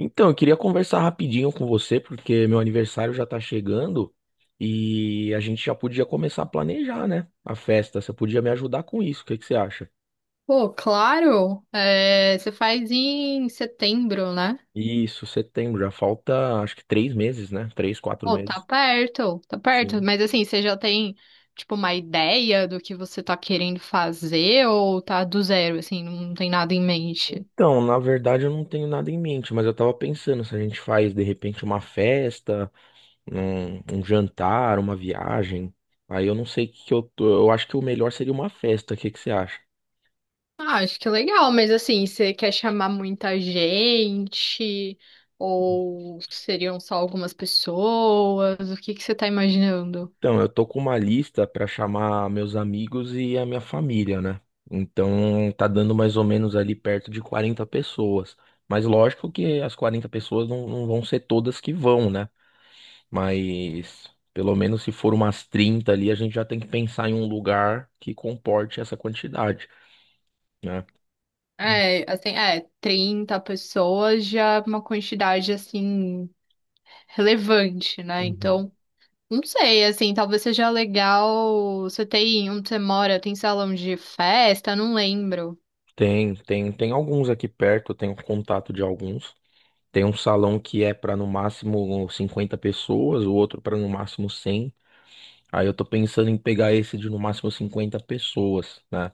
Então, eu queria conversar rapidinho com você, porque meu aniversário já tá chegando e a gente já podia começar a planejar, né? A festa. Você podia me ajudar com isso, o que que você acha? Pô, claro, é, você faz em setembro, né? Isso, setembro, já falta acho que 3 meses, né? Três, quatro Pô, tá meses. perto, tá perto. Sim. Mas assim, você já tem, tipo, uma ideia do que você tá querendo fazer ou tá do zero, assim, não tem nada em mente? Então, na verdade, eu não tenho nada em mente, mas eu tava pensando se a gente faz de repente uma festa, um jantar, uma viagem. Aí eu não sei o que que eu tô. Eu acho que o melhor seria uma festa. O que que você acha? Ah, acho que é legal, mas assim, você quer chamar muita gente ou seriam só algumas pessoas? O que que você tá imaginando? Então, eu tô com uma lista para chamar meus amigos e a minha família, né? Então, tá dando mais ou menos ali perto de 40 pessoas. Mas lógico que as 40 pessoas não vão ser todas que vão, né? Mas pelo menos se for umas 30 ali, a gente já tem que pensar em um lugar que comporte essa quantidade, né? É, assim, é, 30 pessoas já é uma quantidade, assim, relevante, né? Uhum. Então, não sei, assim, talvez seja legal. Você tem onde você mora, tem salão de festa, não lembro. Tem alguns aqui perto, eu tenho contato de alguns. Tem um salão que é para no máximo 50 pessoas, o outro para no máximo 100. Aí eu tô pensando em pegar esse de no máximo 50 pessoas, né?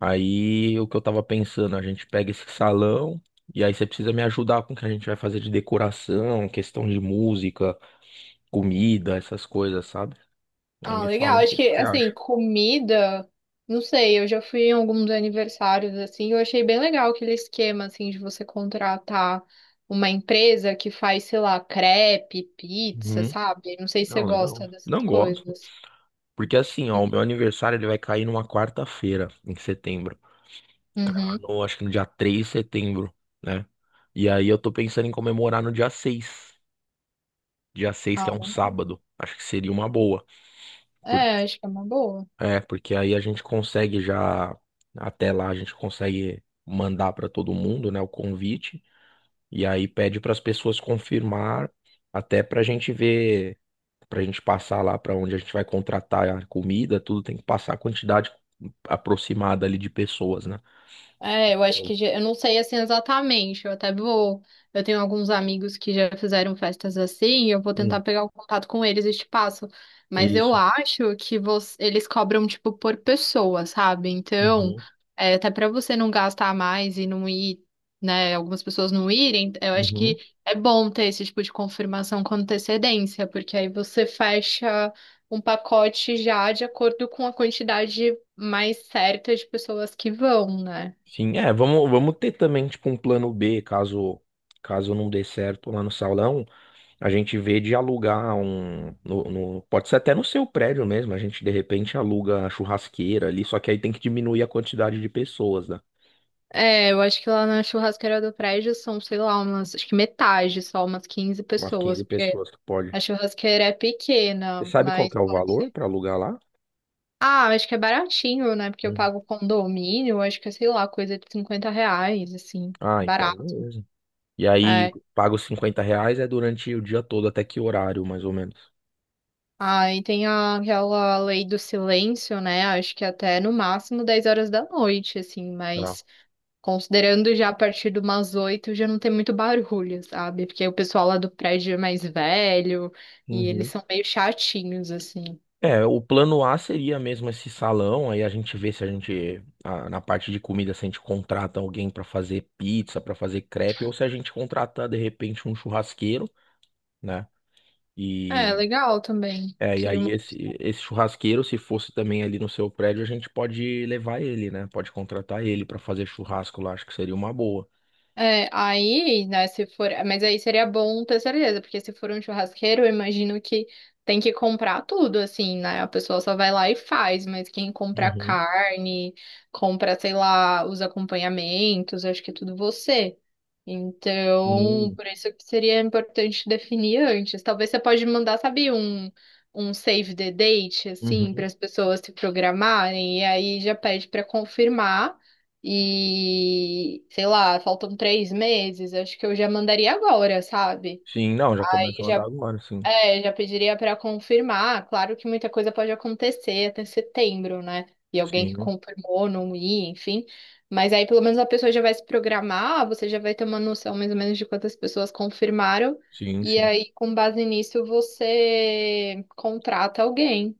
Aí o que eu tava pensando, a gente pega esse salão e aí você precisa me ajudar com o que a gente vai fazer de decoração, questão de música, comida, essas coisas, sabe? Aí Ah, me fala legal. um pouco Acho o que, que você assim, acha. comida, não sei, eu já fui em alguns aniversários, assim, eu achei bem legal aquele esquema, assim, de você contratar uma empresa que faz, sei lá, crepe, pizza, Uhum. sabe? Não sei se você Não, legal. gosta dessas Não gosto. coisas. Porque assim, ó, o meu aniversário ele vai cair numa quarta-feira, em setembro. Cai Uhum. no- Acho que no dia 3 de setembro, né? E aí eu tô pensando em comemorar no dia 6. Dia 6 Ah, que é um sábado. Acho que seria uma boa. Por- é, acho que é uma boa. Porque aí a gente consegue já, até lá a gente consegue mandar para todo mundo, né, o convite, e aí pede para as pessoas confirmar, até para a gente ver, para a gente passar lá para onde a gente vai contratar a comida, tudo tem que passar a quantidade aproximada ali de pessoas, né? É, eu acho que Eu- já, eu não sei assim exatamente. Eu até vou. Eu tenho alguns amigos que já fizeram festas assim, e eu vou tentar Hum, pegar o contato com eles e te passo. Mas eu isso. acho que você, eles cobram, tipo, por pessoa, sabe? Então, Uhum, é, até pra você não gastar mais e não ir, né? Algumas pessoas não irem, eu acho que uhum. é bom ter esse tipo de confirmação com antecedência, porque aí você fecha um pacote já de acordo com a quantidade mais certa de pessoas que vão, né? Sim, é, vamos ter também, tipo, um plano B, caso não dê certo lá no salão. A gente vê de alugar um. Pode ser até no seu prédio mesmo. A gente de repente aluga a churrasqueira ali, só que aí tem que diminuir a quantidade de pessoas, né? É, eu acho que lá na churrasqueira do prédio são, sei lá, umas, acho que metade, só umas quinze Umas pessoas, 15 porque pessoas que pode. a churrasqueira é Você pequena, sabe qual mas que é o pode valor ser. para alugar lá? Ah, acho que é baratinho, né? Porque eu Hum. pago condomínio, acho que é, sei lá, coisa de R$ 50, assim, Ah, então, barato. beleza. E aí, É. paga os 50 reais é durante o dia todo, até que horário, mais ou menos? Aí tem aquela lei do silêncio, né? Acho que até no máximo 10 horas da noite, assim, Tá. mas considerando já a partir de umas oito, já não tem muito barulho, sabe? Porque o pessoal lá do prédio é mais velho e eles Uhum. são meio chatinhos, assim. É, o plano A seria mesmo esse salão, aí a gente vê se a gente, na parte de comida, se a gente contrata alguém pra fazer pizza, pra fazer crepe, ou se a gente contratar de repente um churrasqueiro, né? É, E, legal também. é, e Seria aí uma. esse churrasqueiro, se fosse também ali no seu prédio, a gente pode levar ele, né? Pode contratar ele pra fazer churrasco lá, acho que seria uma boa. É, aí, né, se for, mas aí seria bom ter certeza, porque se for um churrasqueiro, eu imagino que tem que comprar tudo, assim, né? A pessoa só vai lá e faz, mas quem compra Uhum. carne, compra, sei lá, os acompanhamentos, acho que é tudo você. Então, Sim. por isso que seria importante definir antes. Talvez você pode mandar, sabe, um save the date, assim, Uhum. para as pessoas se programarem, e aí já pede para confirmar. E, sei lá, faltam 3 meses, acho que eu já mandaria agora, sabe? Sim, não, já Aí começa a andar já, agora, sim. é, já pediria para confirmar. Claro que muita coisa pode acontecer até setembro, né? E alguém que Sim, confirmou não ir, enfim. Mas aí pelo menos a pessoa já vai se programar, você já vai ter uma noção mais ou menos de quantas pessoas confirmaram. sim, E sim. aí, com base nisso, você contrata alguém,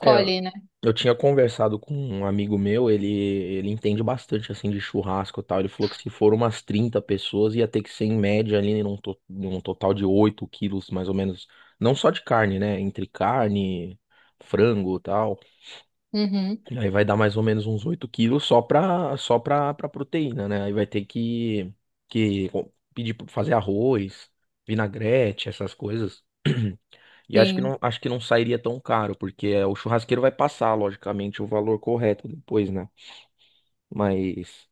É, né? eu tinha conversado com um amigo meu, ele entende bastante assim de churrasco e tal. Ele falou que se for umas 30 pessoas, ia ter que ser em média ali num total de 8 quilos, mais ou menos. Não só de carne, né? Entre carne, frango e tal. Uhum, Aí vai dar mais ou menos uns 8 quilos pra proteína, né? Aí vai ter que pedir pra fazer arroz, vinagrete, essas coisas. E acho que sim. não, acho que não sairia tão caro, porque o churrasqueiro vai passar, logicamente, o valor correto depois, né? Mas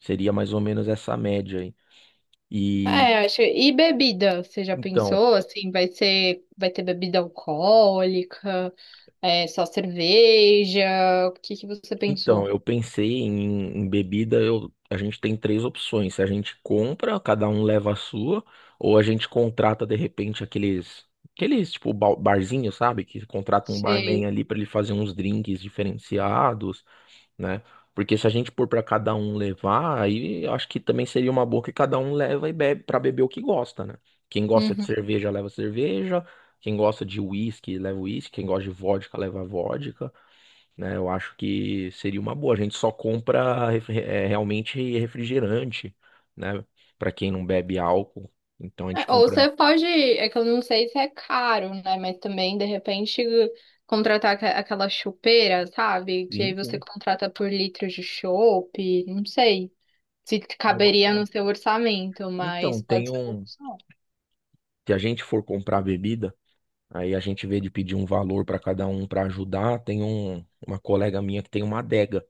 seria mais ou menos essa média aí. E É, acho. E bebida? Você já então. pensou assim? Vai ser, vai ter bebida alcoólica? É só cerveja? O que que você Então, pensou? eu pensei em bebida, a gente tem três opções. A gente compra, cada um leva a sua, ou a gente contrata de repente aqueles tipo barzinho, sabe? Que contrata um barman Sei. ali para ele fazer uns drinks diferenciados, né? Porque se a gente pôr para cada um levar, aí eu acho que também seria uma boa que cada um leva e bebe para beber o que gosta, né? Quem gosta de Uhum. cerveja leva cerveja, quem gosta de uísque leva uísque, quem gosta de vodka leva vodka, né? Eu acho que seria uma boa. A gente só compra realmente refrigerante, né? Para quem não bebe álcool. Então a gente É, ou compra. você pode, é que eu não sei se é caro, né? Mas também, de repente, contratar aquela chopeira, sabe? Que aí Sim, você sim. contrata por litro de chopp, não sei se É uma caberia boa. no seu orçamento, Então, mas tem pode ser uma um. opção. Se a gente for comprar bebida, aí a gente vê de pedir um valor para cada um para ajudar. Tem uma colega minha que tem uma adega.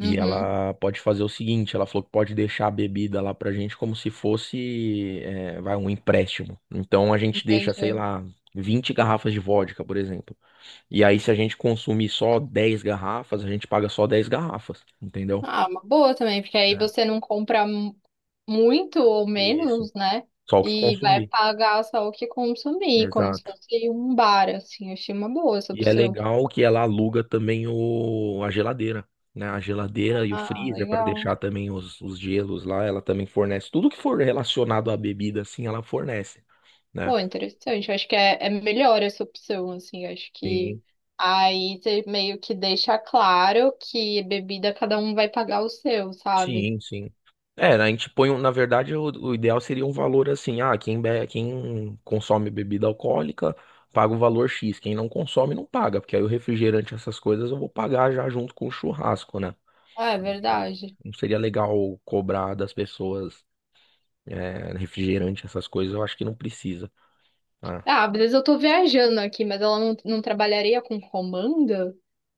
E ela pode fazer o seguinte, ela falou que pode deixar a bebida lá pra gente como se fosse, vai, um empréstimo. Então a gente deixa, sei Entende? lá, 20 garrafas de vodka, por exemplo. E aí, se a gente consumir só 10 garrafas, a gente paga só 10 garrafas, entendeu? Ah, uma boa também, porque aí Ah, você não compra muito ou isso. menos, né? Só o que E vai consumir. pagar só o que consumir, como se Exato. fosse um bar, assim. Eu achei uma boa essa E é opção. legal que ela aluga também a geladeira, né? A geladeira e o Ah, freezer para legal. deixar também os gelos lá. Ela também fornece tudo que for relacionado à bebida, assim, ela fornece, né? Pô, interessante. Eu acho que é, é melhor essa opção, assim. Eu acho que aí você meio que deixa claro que bebida cada um vai pagar o seu, sabe? Sim, sim. É, a gente põe, na verdade, o ideal seria um valor assim, ah, quem consome bebida alcoólica paga o valor X, quem não consome não paga, porque aí o refrigerante, essas coisas eu vou pagar já junto com o churrasco, né? Ah, é Aí, ó, verdade. não seria legal cobrar das pessoas refrigerante, essas coisas, eu acho que não precisa. Tá? Ah, às vezes eu tô viajando aqui, mas ela não, não trabalharia com comanda?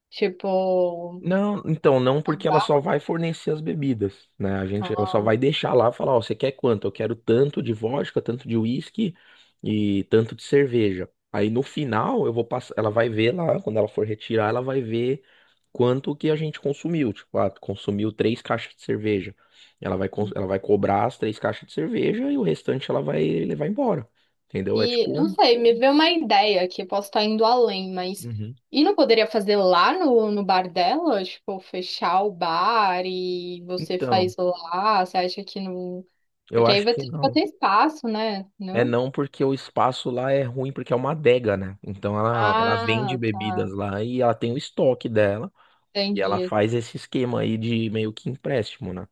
Tipo, Não, então não, não porque ela dá? só vai fornecer as bebidas, né? Ela só Ah, vai deixar lá, falar, ó, você quer quanto? Eu quero tanto de vodka, tanto de uísque e tanto de cerveja. Aí no final eu vou passar, ela vai ver lá, quando ela for retirar, ela vai ver quanto que a gente consumiu. Tipo, ah, consumiu três caixas de cerveja. Ela vai cobrar as três caixas de cerveja e o restante ela vai levar embora. Entendeu? É e tipo, não um- sei, me veio uma ideia que eu posso estar indo além, mas Uhum. e não poderia fazer lá no bar dela? Tipo, fechar o bar e você Então, faz lá, você acha que não. eu Porque aí acho que vai não. ter espaço, né? É Não? não porque o espaço lá é ruim, porque é uma adega, né? Então ela vende Ah, bebidas tá. lá e ela tem o estoque dela e ela Entendi. faz esse esquema aí de meio que empréstimo, né?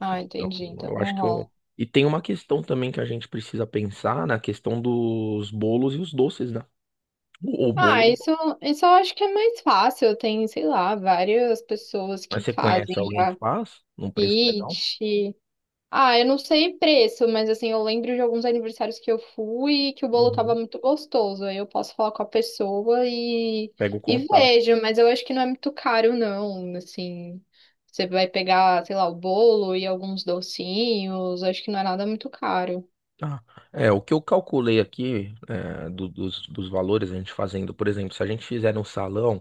Ah, Então entendi. Então eu acho não que eu... rola. E tem uma questão também que a gente precisa pensar na questão dos bolos e os doces, né? O Ah, bolo, isso eu acho que é mais fácil. Tem, sei lá, várias pessoas que mas você fazem conhece alguém que já faz num preço legal? kit. Ah, eu não sei preço, mas assim, eu lembro de alguns aniversários que eu fui e que o bolo tava Uhum. muito gostoso. Aí eu posso falar com a pessoa Pega o e contato. vejo, mas eu acho que não é muito caro, não. Assim, você vai pegar, sei lá, o bolo e alguns docinhos, acho que não é nada muito caro. Tá. É, o que eu calculei aqui é, dos valores, a gente fazendo, por exemplo, se a gente fizer no salão.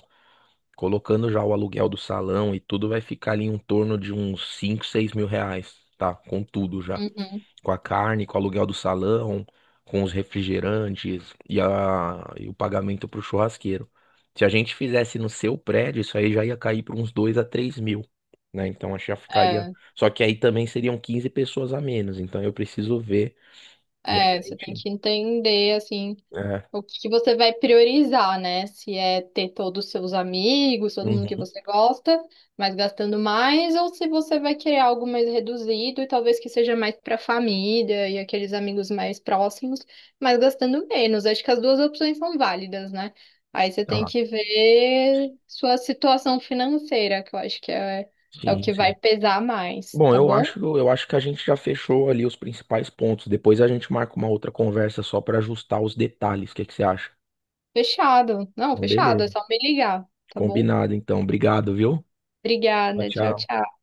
Colocando já o aluguel do salão e tudo, vai ficar ali em torno de uns 5, 6 mil reais, tá? Com tudo já. Uhum. Com a carne, com o aluguel do salão, com os refrigerantes e o pagamento pro churrasqueiro. Se a gente fizesse no seu prédio, isso aí já ia cair para uns 2 a 3 mil, né? Então acho que já ficaria. É, Só que aí também seriam 15 pessoas a menos, então eu preciso ver é, você tem realmente. que entender, assim. É. O que que você vai priorizar, né? Se é ter todos os seus amigos, todo mundo que Uhum. você gosta, mas gastando mais, ou se você vai querer algo mais reduzido e talvez que seja mais para a família e aqueles amigos mais próximos, mas gastando menos. Acho que as duas opções são válidas, né? Aí você tem Ah, que ver sua situação financeira, que eu acho que é, é o sim, que vai sim. pesar mais, Bom, tá eu bom? acho, eu acho que a gente já fechou ali os principais pontos. Depois a gente marca uma outra conversa só para ajustar os detalhes. O que que você acha? Fechado. Não, Então, fechado, é beleza. só me ligar, tá bom? Combinado, então. Obrigado, viu? Tchau, Obrigada, tchau, tchau. tchau.